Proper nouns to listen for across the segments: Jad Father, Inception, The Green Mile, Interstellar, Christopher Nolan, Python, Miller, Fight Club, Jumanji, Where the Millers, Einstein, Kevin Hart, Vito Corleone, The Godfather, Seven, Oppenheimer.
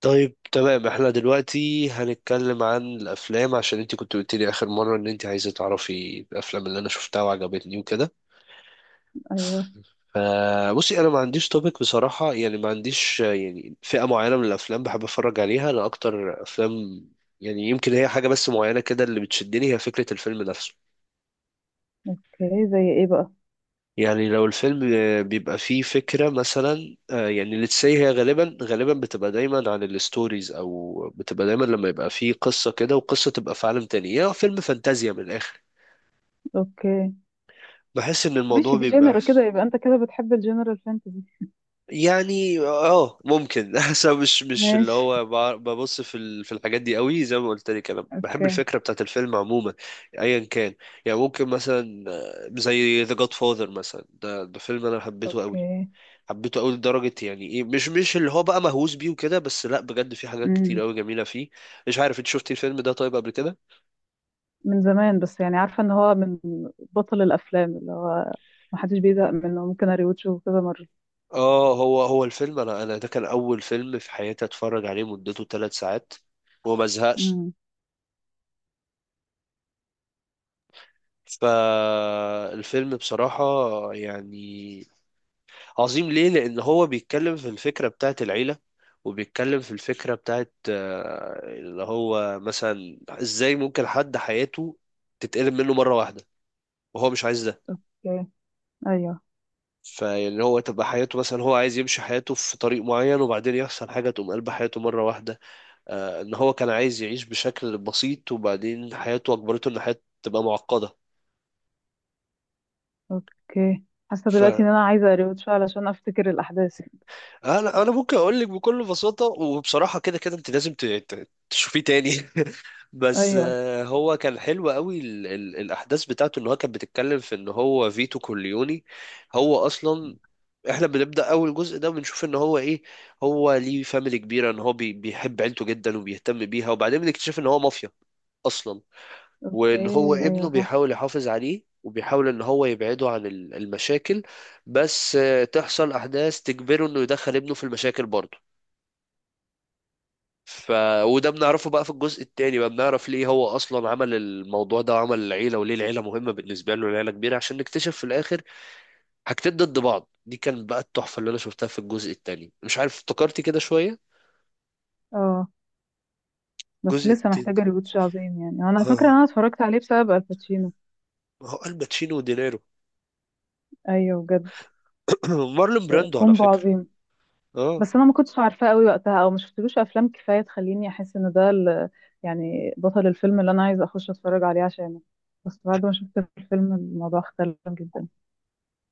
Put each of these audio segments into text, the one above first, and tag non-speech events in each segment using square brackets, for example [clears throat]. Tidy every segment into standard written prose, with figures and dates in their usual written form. طيب، تمام. احنا دلوقتي هنتكلم عن الافلام، عشان انت كنت قلت لي اخر مره ان انت عايزه تعرفي الافلام اللي انا شفتها وعجبتني وكده. ايوه. فبصي، انا ما عنديش توبيك بصراحه، يعني ما عنديش يعني فئه معينه من الافلام بحب اتفرج عليها. انا اكتر افلام يعني يمكن هي حاجه بس معينه كده اللي بتشدني هي فكره الفيلم نفسه. اوكي، زي ايه بقى؟ يعني لو الفيلم بيبقى فيه فكرة مثلا، يعني let's say، هي غالبا بتبقى دايما عن الستوريز، أو بتبقى دايما لما يبقى فيه قصة كده وقصة تبقى في عالم تاني، يعني فيلم فانتازيا من الآخر. اوكي بحس إن الموضوع ماشي، دي بيبقى جنرا كده، يبقى انت كده بتحب الجنرال فانتزي. يعني اه ممكن. [laughs] بس أنا مش اللي ماشي. هو ببص في في الحاجات دي قوي. زي ما قلت لك، انا بحب اوكي. الفكره بتاعت الفيلم عموما، ايا كان. يعني ممكن مثلا زي The Godfather مثلا. ده فيلم انا حبيته قوي. اوكي. حبيته قوي لدرجة يعني ايه، مش اللي هو بقى مهووس بيه وكده، بس لا، بجد في حاجات كتير امم. قوي جميلة فيه. مش عارف انت شفتي الفيلم ده طيب قبل كده؟ من زمان، بس يعني عارفه ان هو من بطل الافلام اللي هو ما حدش بيزهق منه، ممكن اريوتشه كذا مره. اه، هو الفيلم، انا ده كان اول فيلم في حياتي اتفرج عليه مدته 3 ساعات وما زهقت. امم. فالفيلم بصراحة يعني عظيم. ليه؟ لان هو بيتكلم في الفكرة بتاعت العيلة، وبيتكلم في الفكرة بتاعت اللي هو مثلا ازاي ممكن حد حياته تتقلب منه مرة واحدة وهو مش عايز ده. اوكي. ايوه. فاللي هو تبقى حياته مثلا هو عايز يمشي حياته في طريق معين، وبعدين يحصل حاجة تقوم قلب حياته مرة واحدة. آه، ان هو كان عايز يعيش بشكل بسيط، وبعدين حياته اجبرته ان حياته تبقى معقدة. اوكي. حاسه ف دلوقتي ان انا عايزه اريوتشه علشان افتكر الاحداث. انا ممكن اقول لك بكل بساطه وبصراحه كده، كده انت لازم تشوفيه تاني. [laughs] بس ايوه. آه، هو كان حلو قوي. ال ال الاحداث بتاعته ان هو كان بتتكلم في ان هو فيتو كورليوني، هو اصلا احنا بنبدا اول جزء ده بنشوف ان هو ايه، هو ليه فاميلي كبيره، ان هو بيحب عيلته جدا وبيهتم بيها، وبعدين بنكتشف ان هو مافيا اصلا، اوكي. وان هو ابنه ايوه صح. بيحاول يحافظ عليه وبيحاول ان هو يبعده عن المشاكل. بس آه، تحصل احداث تجبره انه يدخل ابنه في المشاكل برضه. ف وده بنعرفه بقى في الجزء التاني. بقى بنعرف ليه هو اصلا عمل الموضوع ده وعمل العيله، وليه العيله مهمه بالنسبه له، العيله كبيره، عشان نكتشف في الاخر حاجتين ضد بعض. دي كانت بقى التحفه اللي انا شفتها في الجزء التاني. مش عارف افتكرتي كده شويه؟ اه بس الجزء لسه التاني، محتاجه ريوتش عظيم، يعني انا فاكره ان اه، انا اتفرجت عليه بسبب الباتشينو. ما هو الباتشينو ودينيرو. ايوه بجد. [clears throat] مارلون براندو على كومبو فكره. عظيم. اه، بس انا ما كنتش عارفاه قوي وقتها، او ما شفتلوش افلام كفايه تخليني احس ان ده يعني بطل الفيلم اللي انا عايزه اخش اتفرج عليه عشانه. بس بعد ما شفت الفيلم الموضوع اختلف جدا،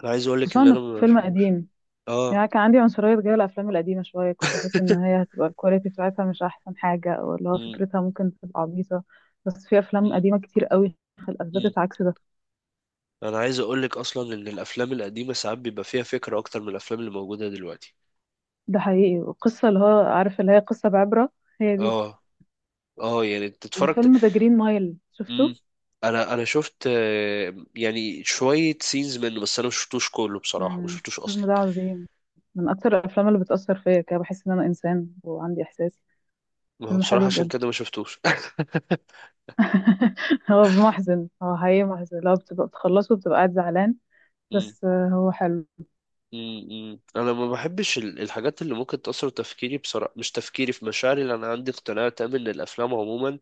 انا عايز اقول لك خصوصا ان انا انه ما فيلم شفتوش. قديم. اه. يعني كان عندي عنصريه تجاه الافلام القديمه شويه، كنت بحس ان هي هتبقى الكواليتي بتاعتها مش احسن حاجه، او اللي هو مم. فكرتها ممكن تبقى عبيطه. بس في افلام مم. قديمه كتير قوي مم. اثبتت عكس ده. انا عايز اقول لك اصلا ان الافلام القديمه ساعات بيبقى فيها فكره اكتر من الافلام اللي موجوده دلوقتي. ده حقيقي، والقصه اللي هو عارف اللي هي قصه بعبره هي دي. اه اه. يعني انت اتفرجت؟ فيلم ذا جرين مايل مم. شفته؟ انا شفت يعني شويه سينز منه، بس انا ما شفتوش كله بصراحه، ما امم. شفتوش اصلا. الفيلم ده عظيم، من اكتر الافلام اللي بتاثر فيا كده، بحس ان انا انسان وعندي احساس. ما هو فيلم بصراحه حلو عشان بجد. كده ما شفتوش. [laughs] هو محزن، هو حقيقي محزن، لو بتبقى بتخلصه وبتبقى قاعد زعلان. [laughs] مم. بس هو حلو. مم. مم. انا ما بحبش الحاجات اللي ممكن تاثر تفكيري، بصراحه مش تفكيري، في مشاعري، لان انا عندي اقتناع تام ان الافلام عموما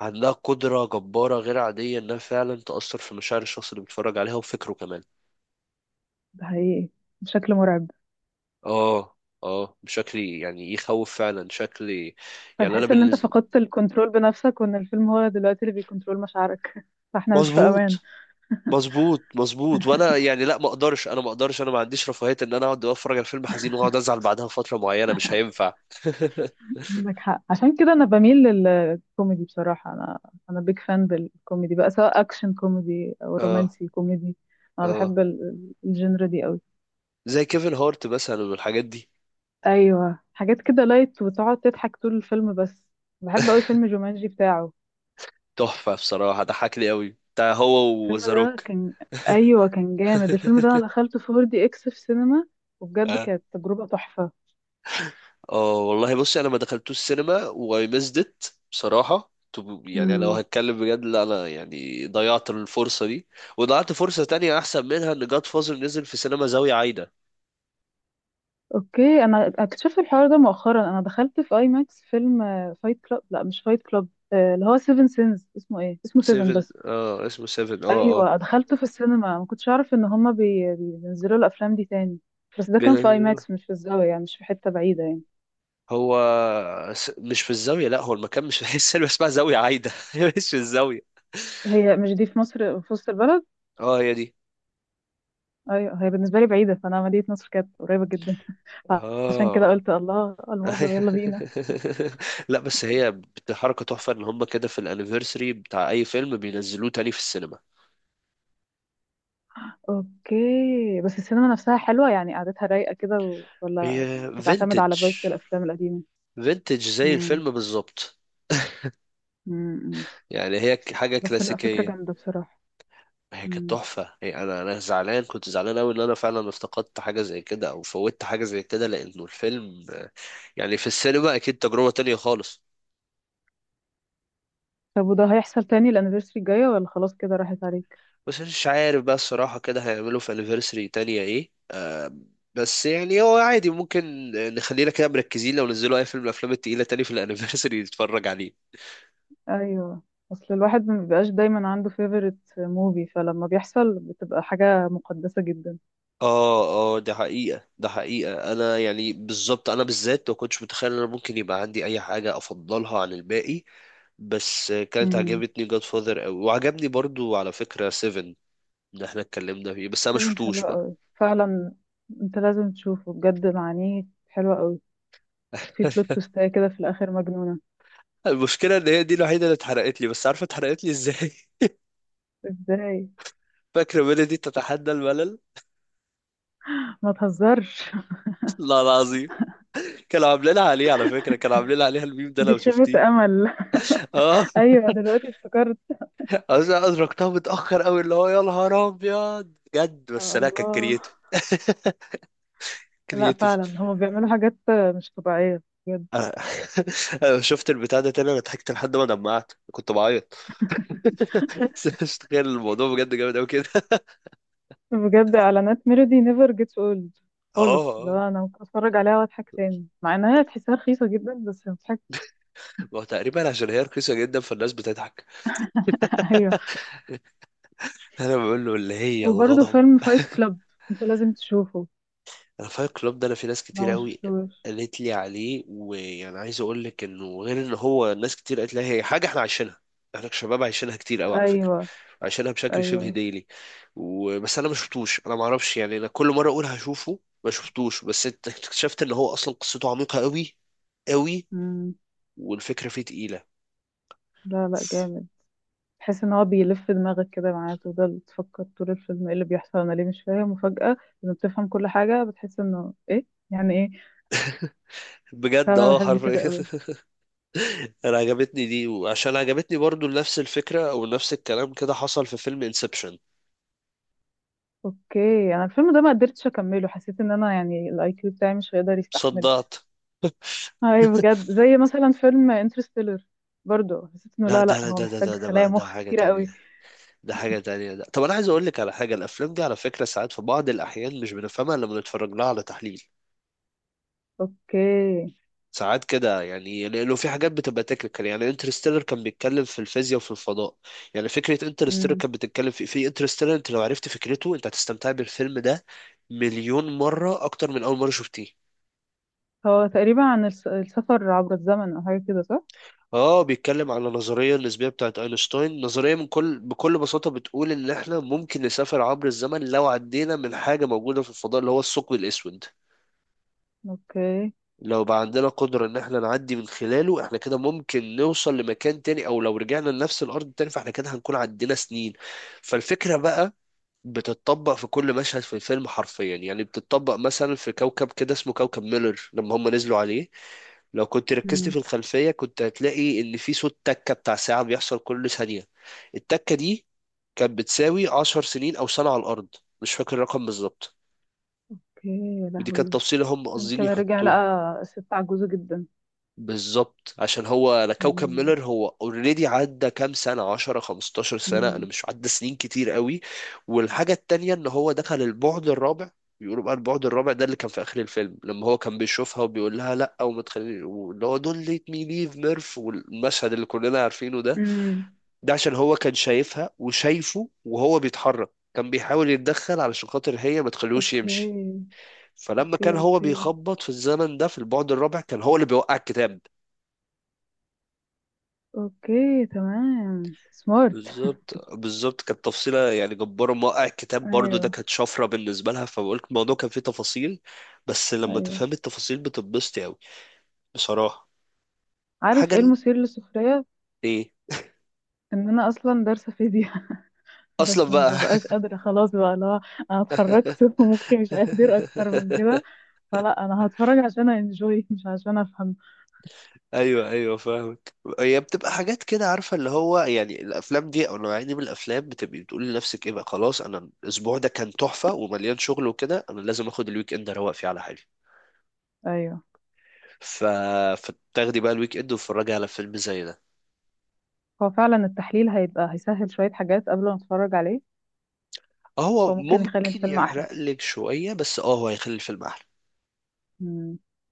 عندها قدرة جبارة غير عادية إنها فعلا تأثر في مشاعر الشخص اللي بيتفرج عليها وفكره كمان. ده حقيقي، بشكل مرعب. آه. آه، بشكل يعني يخوف فعلا شكل يعني. أنا فتحس ان انت بالنسبة، فقدت الكنترول بنفسك، وان الفيلم هو دلوقتي اللي بيكنترول مشاعرك. [laughs] فاحنا مش في امان. مظبوط مظبوط مظبوط. وأنا يعني لا، ما أقدرش. أنا ما عنديش رفاهية إن أنا أقعد أتفرج على فيلم حزين وأقعد أزعل بعدها فترة معينة. مش هينفع. [laughs] عندك حق، عشان كده انا بميل للكوميدي بصراحه. انا بيج فان بالكوميدي بقى، سواء اكشن كوميدي او آه. رومانسي كوميدي. انا آه، بحب الجنرا دي قوي. زي كيفن هارت مثلا والحاجات دي. ايوه حاجات كده لايت وتقعد تضحك طول الفيلم بس. بحب قوي فيلم جومانجي بتاعه. تحفة بصراحة، ضحكني أوي بتاع هو الفيلم وذا ده روك. كان. ايوه كان جامد الفيلم ده، انا [laughs] دخلته 4DX في سينما، وبجد كانت تجربة تحفة. اه والله، بصي انا ما دخلتوش السينما واي ميزد ات. بصراحه يعني انا لو امم. هتكلم بجد، لا، انا يعني ضيعت الفرصه دي، وضيعت فرصه تانية احسن منها ان جاد فازر نزل في سينما زاويه عايده. اوكي. انا اكتشفت الحوار ده مؤخرا، انا دخلت في اي ماكس فيلم فايت كلاب، لا مش فايت كلاب، اللي هو سيفن سينز، اسمه ايه، اسمه سيفن سيفن، بس. اه، اسمه سيفن، اه اه. ايوه دخلته في السينما، ما كنتش اعرف ان هما بينزلوا الافلام دي تاني. بس ده ب- كان في اي ماكس، مش في الزاوية يعني، مش في حتة بعيدة يعني. هو مش في الزاويه، لا، هو المكان مش في [laughs] السينما اسمها زاويه عايده [laughs] مش في الزاويه. هي مش دي في مصر في وسط البلد؟ اه، هي دي. ايوه هي بالنسبه لي بعيده، فانا مدينه نصر كانت قريبه جدا. [laughs] عشان كده اه. قلت الله الموظف [laughs] يلا بينا. لا، بس هي حركه تحفه ان هم كده في الانيفرساري بتاع اي فيلم بينزلوه تاني في السينما. اوكي بس السينما نفسها حلوه يعني، قعدتها رايقه كده ولا هي بتعتمد فينتج. على فايبس الافلام القديمه؟ فينتج زي امم. الفيلم بالظبط. امم. يعني هي حاجة بس لا، فكره كلاسيكية. جامده بصراحه. هي كانت امم. تحفة. هي، أنا زعلان، كنت زعلان أوي إن أنا فعلا افتقدت حاجة زي كده أو فوتت حاجة زي كده، لأنه الفيلم آه، يعني في السينما أكيد تجربة تانية خالص. طب وده هيحصل تاني الانيفرساري الجايه، ولا خلاص كده راحت عليك؟ بس مش عارف بقى الصراحة كده هيعملوا في أنيفرسري تانية إيه آه، بس يعني هو عادي، ممكن نخلينا كده مركزين لو نزلوا أي فيلم من الأفلام التقيلة تاني في الأنيفرسري نتفرج عليه. ايوه. اصل الواحد ما بيبقاش دايما عنده فيفورت موفي، فلما بيحصل بتبقى حاجه مقدسه جدا. اه اه، ده حقيقة، ده حقيقة. انا يعني بالظبط، انا بالذات ما كنتش متخيل ان انا ممكن يبقى عندي اي حاجة افضلها عن الباقي، بس كانت عجبتني جاد فاذر قوي، وعجبني برضو على فكرة سيفن اللي احنا اتكلمنا فيه، بس انا ما فيلم حلو شفتوش بقى. قوي فعلا. انت لازم تشوفه بجد، معانيه حلوة قوي. في بلوت [laughs] تويستاية كده في الاخر مجنونة. المشكلة ان هي دي الوحيدة اللي اتحرقت لي، بس عارفة اتحرقت لي ازاي؟ [laughs] ازاي؟ فاكرة ميلودي تتحدى الملل؟ ما تهزرش. [laughs] [laughs] لا، العظيم، كانوا عاملين عليه على فكرة، كانوا عاملين عليها الميم ده دي لو شفتيه. خيبة امل. اه، [laughs] ايوه دلوقتي افتكرت. أدركتها متأخر أوي، اللي هو يا نهار أبيض بجد. يا بس لا، كانت الله. كرييتيف. لا كرييتيف. فعلا هما بيعملوا حاجات مش طبيعية، بجد. أنا [laughs] أنا شفت البتاع ده تاني، أنا ضحكت لحد ما دمعت، كنت بعيط. [laughs] بس مش تخيل الموضوع بجد جامد أوي كده. [laughs] بجد اعلانات ميلودي نيفر جيتس اولد اه. آه. خالص، لو آه. انا ممكن اتفرج عليها واضحك تاني، مع انها تحسها رخيصة جدا بس بتضحك. ما هو تقريبا عشان هي رخيصة جدا فالناس بتضحك. [laughs] ايوه. أنا بقول له اللي هي وبرضه الغضب. فيلم فايت [laughs] كلاب، انت لازم تشوفه انا فايت كلوب ده، انا في ناس لو كتير ما قوي شفتوش. قالت لي عليه، ويعني عايز اقول لك انه غير ان هو ناس كتير قالت لي هي حاجه احنا عايشينها، احنا كشباب عايشينها كتير قوي على فكره، ايوه. عايشينها بشكل شبه ايوه. ديلي. وبس انا ما شفتوش، انا ما اعرفش يعني، انا كل مره اقول هشوفه ما شفتوش، بس اكتشفت ان هو اصلا قصته عميقه قوي قوي مم. والفكره فيه تقيله. لا لا جامد، تحس ان هو بيلف دماغك كده معاه، تفضل تفكر طول الفيلم ايه اللي بيحصل انا ليه مش فاهم، وفجأة لما بتفهم كل حاجة بتحس انه ايه، يعني ايه. بجد، فانا اه بحب كده حرفيا. قوي. [laughs] انا عجبتني دي، وعشان عجبتني برضو نفس الفكره او نفس الكلام كده حصل في فيلم انسبشن. اوكي انا الفيلم ده ما قدرتش اكمله، حسيت ان انا يعني الاي كيو بتاعي مش هيقدر يستحمل. صدعت. اي [laughs] بجد، زي مثلا فيلم انترستيلر، برضو حسيت انه لا، لا ده لا لا هو ده ده محتاج ده ده خلايا بقى ده مخ حاجة كتيرة تانية. قوي. ده حاجة تانية ده. طب أنا عايز أقول لك على حاجة، الأفلام دي على فكرة ساعات في بعض الأحيان مش بنفهمها إلا لما بنتفرج لها على تحليل اوكي. ساعات كده، يعني لأنه في حاجات بتبقى تكنيكال. يعني انترستيلر كان بيتكلم في الفيزياء وفي الفضاء. يعني فكرة انترستيلر مم. كانت بتتكلم في انترستيلر. أنت لو عرفت فكرته، أنت هتستمتع بالفيلم ده مليون مرة أكتر من أول مرة شفتيه. هو تقريبا عن السفر عبر الزمن او حاجة كده، صح؟ اه، بيتكلم على النظرية النسبية بتاعت اينشتاين. نظرية من كل بكل بساطة بتقول ان احنا ممكن نسافر عبر الزمن لو عدينا من حاجة موجودة في الفضاء اللي هو الثقب الاسود. اوكي. لو بقى عندنا قدرة ان احنا نعدي من خلاله، احنا كده ممكن نوصل لمكان تاني، او لو رجعنا لنفس الارض تاني، فاحنا كده هنكون عدينا سنين. فالفكرة بقى بتتطبق في كل مشهد في الفيلم حرفيا. يعني بتتطبق مثلا في كوكب كده اسمه كوكب ميلر لما هم نزلوا عليه، لو كنت ركزت مم. في الخلفية كنت هتلاقي اللي فيه صوت تكة بتاع ساعة بيحصل كل ثانية. التكة دي كانت بتساوي 10 سنين أو سنة على الأرض، مش فاكر الرقم بالظبط، اوكي. يا ودي كانت لهوي. تفصيلة هم قاصدين يمكن رجع يحطوها. لقى الست عجوزة جدا. بالظبط، عشان هو انا كوكب مم. ميلر هو اوريدي عدى كام سنه، 10 15 سنه، انا مم. مش عدى سنين كتير قوي. والحاجه التانية ان هو دخل البعد الرابع. بيقولوا بقى البعد الرابع ده اللي كان في اخر الفيلم لما هو كان بيشوفها وبيقول لها لا، وما تخليني، واللي هو دون ليت مي ليف ميرف، والمشهد اللي كلنا عارفينه ده، مم. ده عشان هو كان شايفها وشايفه، وهو بيتحرك كان بيحاول يتدخل علشان خاطر هي ما تخليهوش اوكي. يمشي. فلما كان اوكي. هو اوكي. بيخبط في الزمن ده في البعد الرابع، كان هو اللي بيوقع الكتاب. اوكي تمام سمارت. بالظبط. كانت تفصيلة يعني جبارة. موقع [laughs] الكتاب برضو ده ايوه. كانت شفرة بالنسبة لها، فبقولك الموضوع كان فيه تفاصيل، بس لما ايوه. تفهم التفاصيل بتتبسطي أوي بصراحة. حاجة عارف ايه ال... المثير للسخرية؟ إيه ان انا اصلا دارسة فيزياء. [laughs] أصلا بس ما بقى. ببقاش قادرة خلاص بقى لا، انا اتخرجت. [laughs] ومخي مش قادر اكتر من كده، [laughs] فلا انا هتفرج عشان انجوي مش عشان افهم. أيوه أيوه، فاهمك. هي بتبقى حاجات كده، عارفة اللي هو يعني الأفلام دي أو النوعية دي من الأفلام بتبقي بتقولي لنفسك إيه بقى، خلاص أنا الأسبوع ده كان تحفة ومليان شغل وكده، أنا لازم آخد الويك إند أروق فيه على حالي. ايوه ف... فتاخدي بقى الويك إند وتتفرجي على فيلم زي ده. هو فعلا التحليل هيبقى هيسهل شوية حاجات قبل ما اتفرج عليه. هو فممكن يخلي ممكن الفيلم احلى. يحرق لك شوية، بس اه هو هيخلي الفيلم أحلى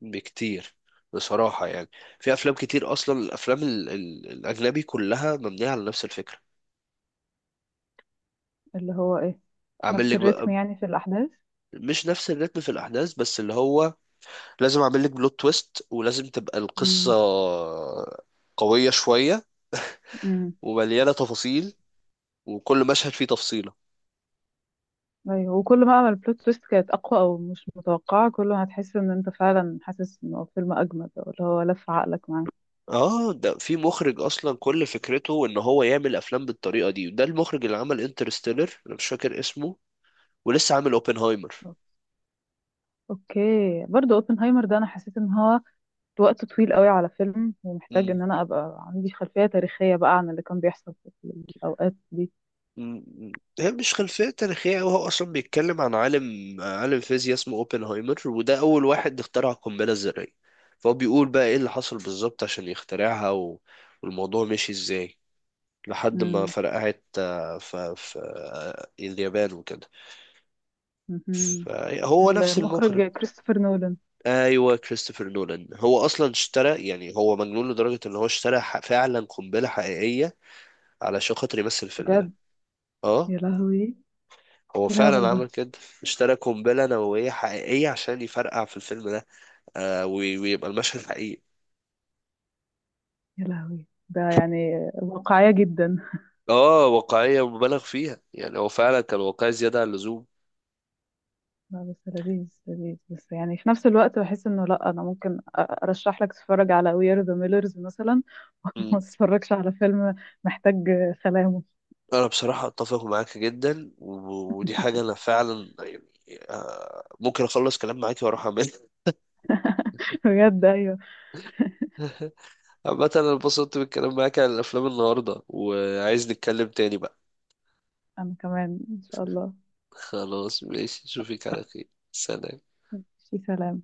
بكتير، بصراحة يعني. في أفلام كتير أصلا، الأفلام ال ال الأجنبي كلها مبنية على نفس الفكرة. اللي هو ايه؟ أعمل نفس لك الريتم بقى، يعني في الاحداث؟ مش نفس الريتم في الأحداث، بس اللي هو لازم أعمل لك بلوت تويست، ولازم تبقى القصة امم. قوية شوية امم. ومليانة تفاصيل، وكل مشهد فيه تفصيلة. ايوه، وكل ما عمل البلوت تويست كانت اقوى او مش متوقعه، كل ما هتحس ان انت فعلا حاسس ان هو فيلم اجمد، او اللي هو لف عقلك معاه. اه، ده في مخرج اصلا كل فكرته ان هو يعمل افلام بالطريقه دي. ده المخرج اللي عمل انترستيلر، انا مش فاكر اسمه، ولسه عامل اوبنهايمر. اوكي. برضو اوبنهايمر ده انا حسيت ان هو وقت طويل قوي على فيلم، ومحتاج مم. ان انا ابقى عندي خلفيه تاريخيه بقى عن اللي كان بيحصل في الاوقات دي. مم. هي مش خلفية تاريخية أوي، هو أصلا بيتكلم عن عالم فيزياء اسمه أوبنهايمر، وده أول واحد اخترع القنبلة الذرية. فهو بيقول بقى إيه اللي حصل بالظبط عشان يخترعها، و... والموضوع مشي إزاي لحد ما امم. فرقعت آه، ف... في آه، اليابان وكده. مهم. فهو نفس المخرج. المخرج كريستوفر نولان. أيوه كريستوفر نولان. هو أصلا اشترى، يعني هو مجنون لدرجة إن هو اشترى فعلا قنبلة حقيقية علشان خاطر يمثل الفيلم ده. بجد؟ اه، يا لهوي هو ايه الهبل فعلا عمل ده. كده. اشترى قنبلة نووية حقيقية عشان يفرقع في الفيلم ده، آه، ويبقى المشهد حقيقي. يا لهوي ده يعني واقعية جدا. اه، واقعية مبالغ فيها، يعني هو فعلا كان واقعي زيادة عن اللزوم. لا بس لذيذ لذيذ، بس يعني في نفس الوقت بحس انه لا، انا ممكن ارشح لك تتفرج على وير ذا ميلرز مثلا. [laughs] مم. وما تتفرجش على فيلم محتاج سلامه. انا بصراحة اتفق معاك جدا، ودي حاجة انا فعلا يعني آه ممكن اخلص كلام معاك واروح اعملها. [laughs] بجد ايوه. [laughs] عامة انا اتبسطت بالكلام معاك عن الافلام النهاردة، وعايز نتكلم تاني بقى. انا كمان ان شاء الله. [laughs] خلاص، ماشي. اشوفك على خير. سلام. في سلام.